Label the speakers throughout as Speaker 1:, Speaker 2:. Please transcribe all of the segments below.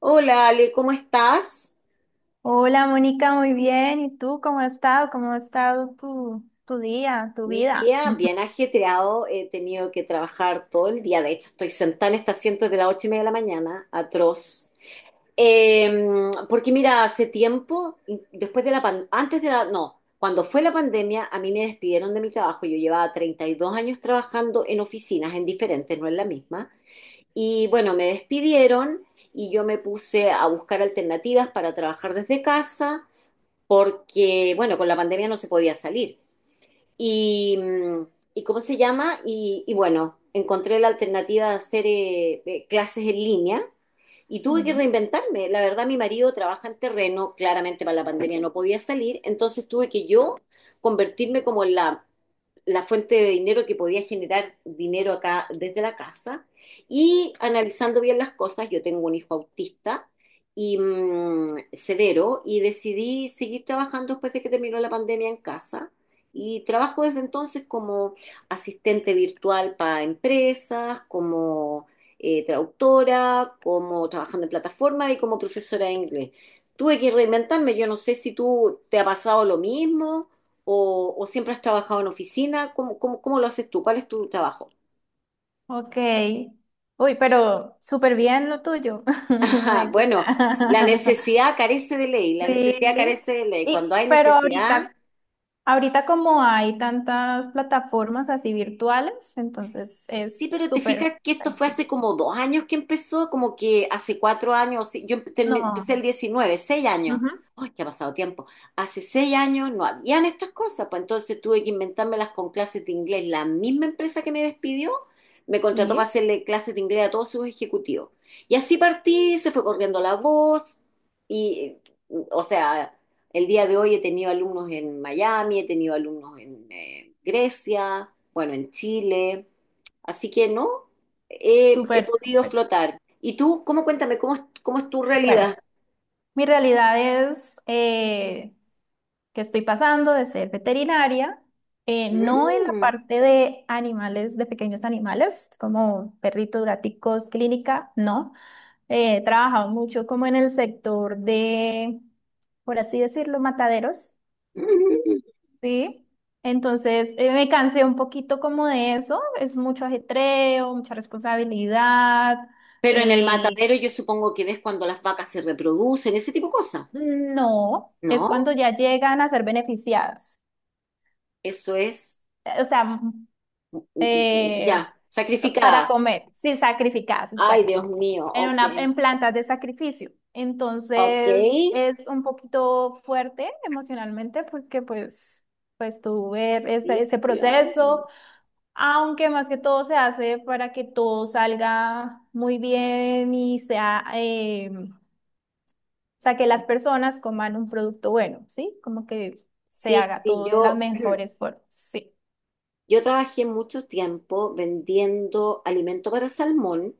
Speaker 1: Hola Ale, ¿cómo estás?
Speaker 2: Hola Mónica, muy bien. ¿Y tú cómo has estado? ¿Cómo ha estado tu día, tu
Speaker 1: Mi
Speaker 2: vida?
Speaker 1: día bien ajetreado, he tenido que trabajar todo el día, de hecho estoy sentada en este asiento desde las 8:30 de la mañana, atroz. Porque mira, hace tiempo, después de la antes de la, no, cuando fue la pandemia, a mí me despidieron de mi trabajo, yo llevaba 32 años trabajando en oficinas, en diferentes, no en la misma, y bueno, me despidieron y yo me puse a buscar alternativas para trabajar desde casa porque, bueno, con la pandemia no se podía salir. Y, mm, y ¿cómo se llama? Y bueno, encontré la alternativa de hacer clases en línea y tuve que
Speaker 2: Ujú.
Speaker 1: reinventarme. La verdad, mi marido trabaja en terreno, claramente para la pandemia no podía salir, entonces tuve que yo convertirme como en la fuente de dinero que podía generar dinero acá desde la casa. Y analizando bien las cosas, yo tengo un hijo autista y severo y decidí seguir trabajando después de que terminó la pandemia en casa. Y trabajo desde entonces como asistente virtual para empresas, como traductora, como trabajando en plataformas y como profesora de inglés. Tuve que reinventarme, yo no sé si tú te ha pasado lo mismo o, ¿siempre has trabajado en oficina? ¿Cómo lo haces tú? ¿Cuál es tu trabajo?
Speaker 2: Ok. Uy, pero súper bien lo tuyo.
Speaker 1: Ajá,
Speaker 2: Me
Speaker 1: bueno, la
Speaker 2: gusta.
Speaker 1: necesidad carece de ley, la
Speaker 2: Sí.
Speaker 1: necesidad carece de ley. Cuando
Speaker 2: Y,
Speaker 1: hay
Speaker 2: pero
Speaker 1: necesidad,
Speaker 2: ahorita, ahorita como hay tantas plataformas así virtuales, entonces
Speaker 1: sí,
Speaker 2: es
Speaker 1: pero te
Speaker 2: súper
Speaker 1: fijas que esto fue
Speaker 2: práctico.
Speaker 1: hace como 2 años que empezó, como que hace 4 años, sí, yo empecé el
Speaker 2: No.
Speaker 1: 19, 6 años.
Speaker 2: Ujú.
Speaker 1: ¡Ay, que ha pasado tiempo! Hace 6 años no habían estas cosas, pues entonces tuve que inventármelas con clases de inglés. La misma empresa que me despidió me contrató para
Speaker 2: Sí,
Speaker 1: hacerle clases de inglés a todos sus ejecutivos. Y así partí, se fue corriendo la voz y, o sea, el día de hoy he tenido alumnos en Miami, he tenido alumnos en Grecia, bueno, en Chile. Así que no, he
Speaker 2: súper,
Speaker 1: podido
Speaker 2: súper.
Speaker 1: flotar. ¿Y tú, cómo cuéntame, cómo es tu
Speaker 2: Bueno,
Speaker 1: realidad?
Speaker 2: mi realidad es que estoy pasando de ser veterinaria, no en la
Speaker 1: Mm,
Speaker 2: parte de animales, de pequeños animales, como perritos, gaticos, clínica, no. He trabajado mucho como en el sector de, por así decirlo, mataderos,
Speaker 1: mm.
Speaker 2: ¿sí? Entonces, me cansé un poquito como de eso, es mucho ajetreo, mucha responsabilidad.
Speaker 1: Pero en el
Speaker 2: eh,
Speaker 1: matadero yo supongo que ves cuando las vacas se reproducen, ese tipo de cosas.
Speaker 2: no, es
Speaker 1: No,
Speaker 2: cuando ya llegan a ser beneficiadas.
Speaker 1: eso es,
Speaker 2: O sea, eh,
Speaker 1: ya,
Speaker 2: para
Speaker 1: sacrificadas.
Speaker 2: comer, sí, sacrificadas,
Speaker 1: Ay, Dios
Speaker 2: exacto.
Speaker 1: mío,
Speaker 2: En
Speaker 1: ok,
Speaker 2: una, en plantas de sacrificio.
Speaker 1: ok.
Speaker 2: Entonces, es un poquito fuerte emocionalmente porque pues, pues tú ver
Speaker 1: Sí,
Speaker 2: ese
Speaker 1: claro.
Speaker 2: proceso, aunque más que todo se hace para que todo salga muy bien y sea, o sea, que las personas coman un producto bueno, ¿sí? Como que se
Speaker 1: Sí,
Speaker 2: haga
Speaker 1: sí,
Speaker 2: todo de las
Speaker 1: yo,
Speaker 2: mejores formas, sí.
Speaker 1: Yo trabajé mucho tiempo vendiendo alimento para salmón,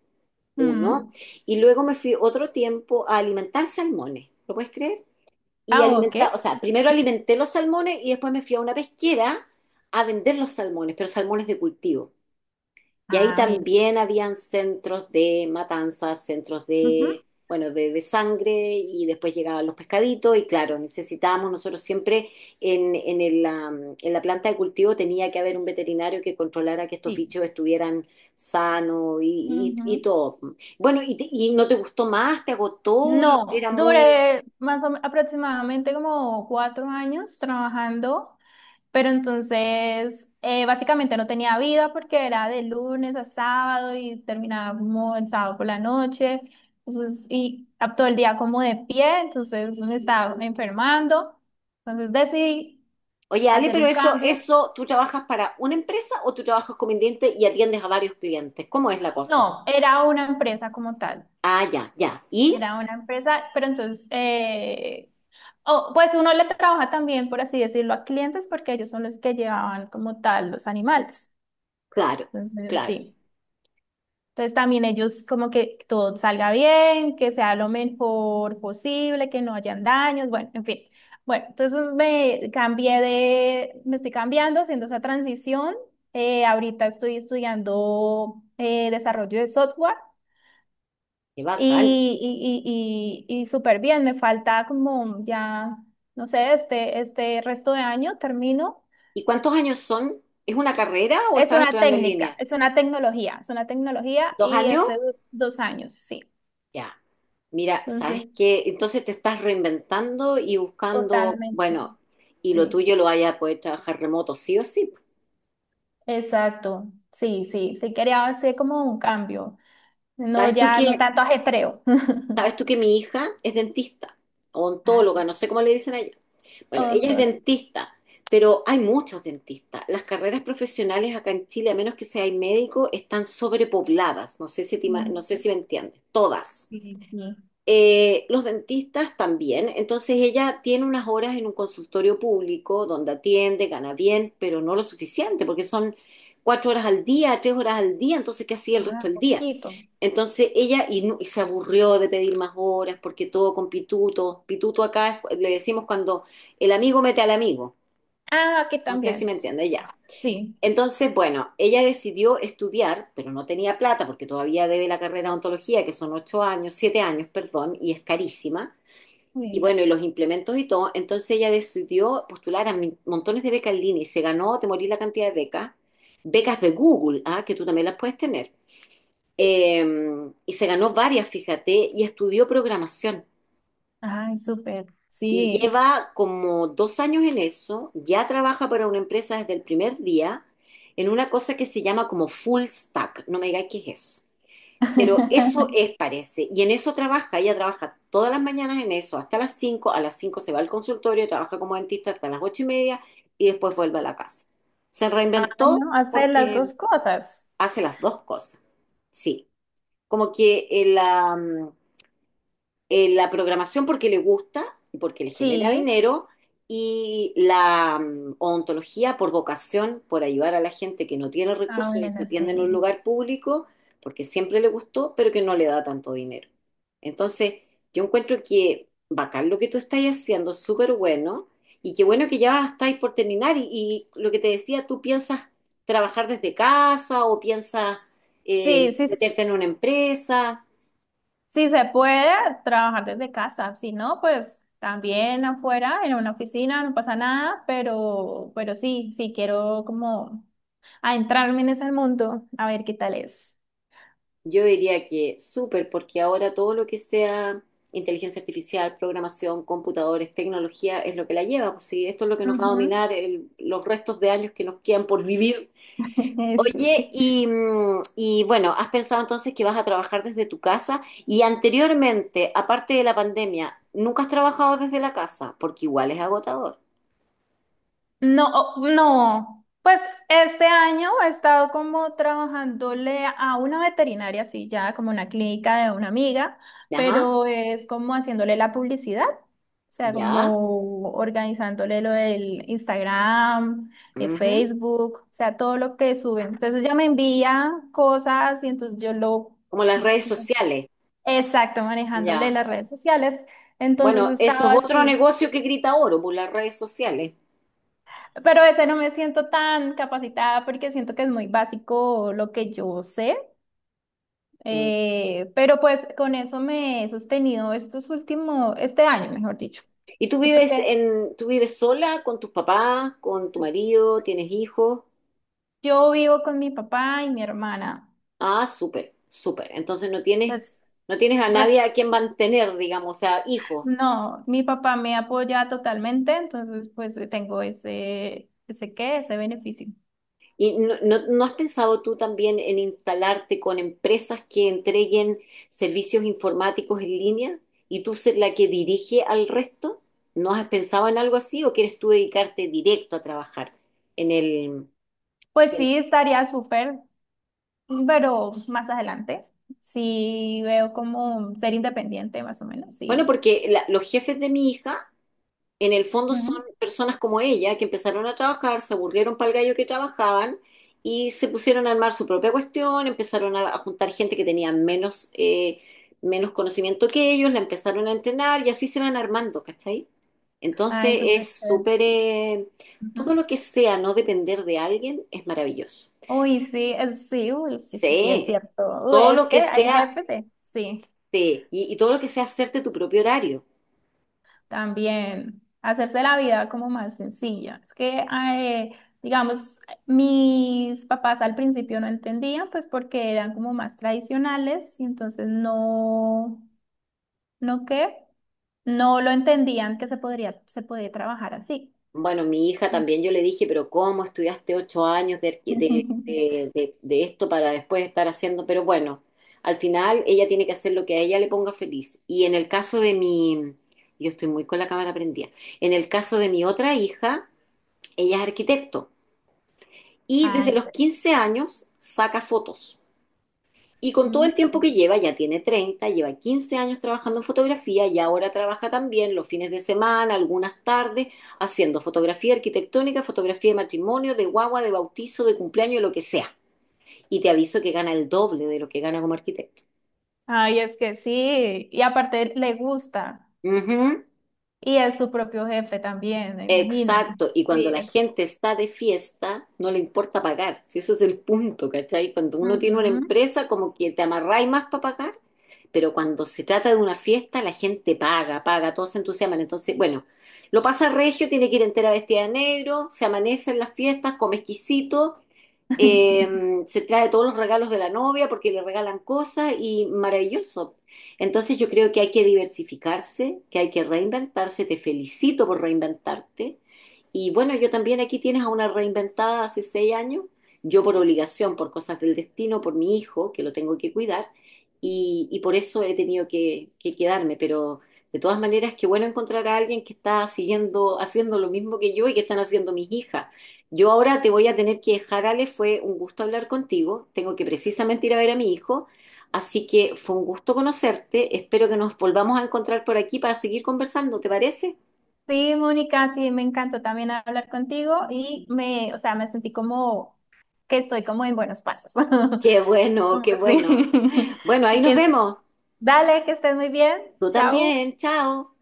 Speaker 1: uno,
Speaker 2: Mm.
Speaker 1: y luego me fui otro tiempo a alimentar salmones, ¿lo puedes creer? Y
Speaker 2: Ah, ok.
Speaker 1: alimentar, o sea, primero alimenté los salmones y después me fui a una pesquera a vender los salmones, pero salmones de cultivo. Y ahí
Speaker 2: Ah, bien.
Speaker 1: también habían centros de matanzas, centros
Speaker 2: Ujú.
Speaker 1: de, bueno, de sangre y después llegaban los pescaditos y claro, necesitábamos nosotros siempre en la planta de cultivo tenía que haber un veterinario que controlara que estos
Speaker 2: Sí.
Speaker 1: bichos estuvieran sanos y
Speaker 2: Ujú.
Speaker 1: todo. Bueno, y, ¿y no te gustó más? ¿Te agotó?
Speaker 2: No,
Speaker 1: Era muy.
Speaker 2: duré más aproximadamente como cuatro años trabajando, pero entonces básicamente no tenía vida porque era de lunes a sábado y terminaba como el sábado por la noche, entonces, todo el día como de pie, entonces me estaba enfermando, entonces decidí
Speaker 1: Oye, Ale,
Speaker 2: hacer
Speaker 1: pero
Speaker 2: un
Speaker 1: eso,
Speaker 2: cambio.
Speaker 1: eso, ¿tú trabajas para una empresa o tú trabajas como independiente y atiendes a varios clientes? ¿Cómo es la cosa?
Speaker 2: No, era una empresa como tal.
Speaker 1: Ah, ya, ya. ¿Y?
Speaker 2: Era una empresa, pero entonces, oh, pues uno le trabaja también, por así decirlo, a clientes porque ellos son los que llevaban como tal los animales.
Speaker 1: Claro,
Speaker 2: Entonces,
Speaker 1: claro.
Speaker 2: sí. Entonces también ellos como que todo salga bien, que sea lo mejor posible, que no hayan daños, bueno, en fin. Bueno, entonces me cambié de, me estoy cambiando, haciendo esa transición. Ahorita estoy estudiando desarrollo de software.
Speaker 1: Qué bacán.
Speaker 2: Y, y súper bien, me falta como ya, no sé, este resto de año termino.
Speaker 1: ¿Y cuántos años son? ¿Es una carrera o
Speaker 2: Es
Speaker 1: estás
Speaker 2: una
Speaker 1: estudiando en
Speaker 2: técnica,
Speaker 1: línea?
Speaker 2: es una tecnología
Speaker 1: ¿Dos
Speaker 2: y es
Speaker 1: años?
Speaker 2: de dos años, sí.
Speaker 1: Ya. Mira, ¿sabes
Speaker 2: Entonces,
Speaker 1: qué? Entonces te estás reinventando y buscando,
Speaker 2: totalmente,
Speaker 1: bueno, y lo
Speaker 2: sí.
Speaker 1: tuyo lo vaya a poder trabajar remoto, sí o sí.
Speaker 2: Exacto, sí, sí, sí quería hacer como un cambio, no
Speaker 1: ¿Sabes tú
Speaker 2: ya, no
Speaker 1: que,
Speaker 2: tanto ajetreo.
Speaker 1: ¿Sabes tú que mi hija es dentista,
Speaker 2: Ah,
Speaker 1: odontóloga,
Speaker 2: eso.
Speaker 1: no sé cómo le dicen allá. Bueno, ella es
Speaker 2: Odontólogo.
Speaker 1: dentista, pero hay muchos dentistas. Las carreras profesionales acá en Chile, a menos que seas médico, están sobrepobladas. No
Speaker 2: Mm.
Speaker 1: sé si me entiendes. Todas.
Speaker 2: Sí, sí.
Speaker 1: Los dentistas también. Entonces ella tiene unas horas en un consultorio público donde atiende, gana bien, pero no lo suficiente, porque son 4 horas al día, 3 horas al día. Entonces, ¿qué hacía el
Speaker 2: Ah,
Speaker 1: resto del día?
Speaker 2: poquito.
Speaker 1: Entonces ella y, y se aburrió de pedir más horas porque todo con pituto. Pituto acá le decimos cuando el amigo mete al amigo.
Speaker 2: Ah, aquí
Speaker 1: No sé si
Speaker 2: también.
Speaker 1: me entiende ya.
Speaker 2: Sí,
Speaker 1: Entonces, bueno, ella decidió estudiar, pero no tenía plata porque todavía debe la carrera de odontología, que son 8 años, 7 años, perdón, y es carísima. Y
Speaker 2: sí.
Speaker 1: bueno, y los implementos y todo. Entonces ella decidió postular a montones de becas en línea y se ganó, te morí la cantidad de becas. Becas de Google, ¿ah? Que tú también las puedes tener. Eh, y se ganó varias, fíjate, y estudió programación.
Speaker 2: Ay, súper,
Speaker 1: Y
Speaker 2: sí.
Speaker 1: lleva como 2 años en eso, ya trabaja para una empresa desde el primer día, en una cosa que se llama como full stack. No me digáis qué es eso. Pero eso es, parece. Y en eso trabaja, ella trabaja todas las mañanas en eso, hasta las 5 a las 5 se va al consultorio, trabaja como dentista hasta las 8:30 y después vuelve a la casa. Se
Speaker 2: Ah,
Speaker 1: reinventó
Speaker 2: no, hacer las
Speaker 1: porque
Speaker 2: dos cosas.
Speaker 1: hace las dos cosas. Sí, como que el, la programación porque le gusta y porque le genera
Speaker 2: Sí.
Speaker 1: dinero y la odontología por vocación, por ayudar a la gente que no tiene
Speaker 2: Ah,
Speaker 1: recursos y se
Speaker 2: bueno,
Speaker 1: atiende en un
Speaker 2: sí.
Speaker 1: lugar público porque siempre le gustó, pero que no le da tanto dinero. Entonces, yo encuentro que bacán lo que tú estás haciendo, súper bueno, y qué bueno que ya estáis por terminar y lo que te decía, tú piensas trabajar desde casa o piensas
Speaker 2: Sí, sí, s-
Speaker 1: meterte en una empresa.
Speaker 2: sí se puede trabajar desde casa. Si no, pues también afuera, en una oficina, no pasa nada, pero sí, sí quiero como adentrarme en ese mundo, a ver qué tal es.
Speaker 1: Yo diría que súper, porque ahora todo lo que sea inteligencia artificial, programación, computadores, tecnología, es lo que la lleva. Pues sí, esto es lo que nos va a
Speaker 2: Ujú.
Speaker 1: dominar los restos de años que nos quedan por vivir.
Speaker 2: Sí.
Speaker 1: Oye, y bueno, ¿has pensado entonces que vas a trabajar desde tu casa? Y anteriormente, aparte de la pandemia, ¿nunca has trabajado desde la casa? Porque igual es agotador.
Speaker 2: No, oh, no. Pues este año he estado como trabajándole a una veterinaria, sí, ya como una clínica de una amiga,
Speaker 1: Ajá,
Speaker 2: pero es como haciéndole la publicidad, o sea,
Speaker 1: ya.
Speaker 2: como organizándole lo del Instagram,
Speaker 1: Ujú.
Speaker 2: Facebook, o sea, todo lo que suben. Entonces ya me envía cosas y entonces yo lo...
Speaker 1: Como las redes sociales,
Speaker 2: Exacto, manejándole
Speaker 1: ya.
Speaker 2: las redes sociales. Entonces
Speaker 1: Bueno, eso es
Speaker 2: estaba
Speaker 1: otro
Speaker 2: así.
Speaker 1: negocio que grita oro, por las redes sociales.
Speaker 2: Pero ese no me siento tan capacitada porque siento que es muy básico lo que yo sé.
Speaker 1: Mm.
Speaker 2: Pero pues con eso me he sostenido estos últimos, este año, mejor dicho. Sí, porque
Speaker 1: ¿Tú vives sola con tus papás, con tu marido, tienes hijos?
Speaker 2: yo vivo con mi papá y mi hermana.
Speaker 1: Ah, súper, súper. Entonces no tienes,
Speaker 2: Pues,
Speaker 1: no tienes a
Speaker 2: res-
Speaker 1: nadie a quien mantener, digamos, o sea, hijos.
Speaker 2: no, mi papá me apoya totalmente, entonces pues tengo ese qué, ese beneficio.
Speaker 1: ¿Y no has pensado tú también en instalarte con empresas que entreguen servicios informáticos en línea y tú ser la que dirige al resto? ¿No has pensado en algo así o quieres tú dedicarte directo a trabajar en el
Speaker 2: Pues
Speaker 1: en-
Speaker 2: sí, estaría súper, pero más adelante. Sí, veo como ser independiente, más o menos,
Speaker 1: Bueno,
Speaker 2: sí.
Speaker 1: porque los jefes de mi hija en el fondo son personas como ella que empezaron a trabajar, se aburrieron para el gallo que trabajaban y se pusieron a armar su propia cuestión, empezaron a juntar gente que tenía menos, menos conocimiento que ellos, la empezaron a entrenar y así se van armando, ¿cachai?
Speaker 2: Ay,
Speaker 1: Entonces
Speaker 2: súper
Speaker 1: es
Speaker 2: chévere.
Speaker 1: súper. Todo
Speaker 2: Ujú.
Speaker 1: lo que sea no depender de alguien es maravilloso.
Speaker 2: Uy, sí, es, sí, uy, sí, sí, sí, es
Speaker 1: Sí,
Speaker 2: cierto. Uy,
Speaker 1: todo
Speaker 2: es
Speaker 1: lo
Speaker 2: que
Speaker 1: que
Speaker 2: hay
Speaker 1: sea.
Speaker 2: jefes de, sí,
Speaker 1: Sí, y todo lo que sea hacerte tu propio horario.
Speaker 2: también hacerse la vida como más sencilla. Es que, digamos, mis papás al principio no entendían, pues porque eran como más tradicionales y entonces no, ¿no qué? No lo entendían que se se podía trabajar así.
Speaker 1: Bueno, mi hija también yo le dije, pero ¿cómo estudiaste 8 años de, de esto para después estar haciendo? Pero bueno, al final ella tiene que hacer lo que a ella le ponga feliz. Y en el caso de mi, yo estoy muy con la cámara prendida, en el caso de mi otra hija, ella es arquitecto y desde
Speaker 2: Ay.
Speaker 1: los 15 años saca fotos. Y con todo
Speaker 2: Mm.
Speaker 1: el tiempo que lleva, ya tiene 30, lleva 15 años trabajando en fotografía y ahora trabaja también los fines de semana, algunas tardes, haciendo fotografía arquitectónica, fotografía de matrimonio, de guagua, de bautizo, de cumpleaños, de lo que sea. Y te aviso que gana el doble de lo que gana como arquitecto.
Speaker 2: Ay, es que sí, y aparte le gusta.
Speaker 1: Ujú,
Speaker 2: Y es su propio jefe también, me imagino.
Speaker 1: exacto. Y cuando
Speaker 2: Sí
Speaker 1: la
Speaker 2: es.
Speaker 1: gente está de fiesta, no le importa pagar. Si ese es el punto, ¿cachai? Cuando uno tiene una
Speaker 2: Ujú.
Speaker 1: empresa, como que te amarráis más para pagar. Pero cuando se trata de una fiesta, la gente paga, paga, todos se entusiasman. Entonces, bueno, lo pasa regio, tiene que ir entera vestida de negro, se amanece en las fiestas, come exquisito
Speaker 2: Ay, sí.
Speaker 1: eh, se trae todos los regalos de la novia porque le regalan cosas y maravilloso. Entonces yo creo que hay que diversificarse, que hay que reinventarse. Te felicito por reinventarte. Y bueno, yo también aquí tienes a una reinventada hace 6 años, yo por obligación, por cosas del destino, por mi hijo, que lo tengo que cuidar, y por eso he tenido que quedarme. Pero de todas maneras, qué bueno encontrar a alguien que está siguiendo, haciendo lo mismo que yo y que están haciendo mis hijas. Yo ahora te voy a tener que dejar, Ale, fue un gusto hablar contigo. Tengo que precisamente ir a ver a mi hijo, así que fue un gusto conocerte. Espero que nos volvamos a encontrar por aquí para seguir conversando, ¿te parece?
Speaker 2: Sí, Mónica, sí, me encantó también hablar contigo y me, o sea, me sentí como que estoy como en buenos pasos.
Speaker 1: Qué bueno,
Speaker 2: Como
Speaker 1: qué
Speaker 2: así.
Speaker 1: bueno. Bueno, ahí
Speaker 2: Y
Speaker 1: nos
Speaker 2: que
Speaker 1: vemos.
Speaker 2: dale, que estés muy bien.
Speaker 1: Tú
Speaker 2: Chao.
Speaker 1: también, chao.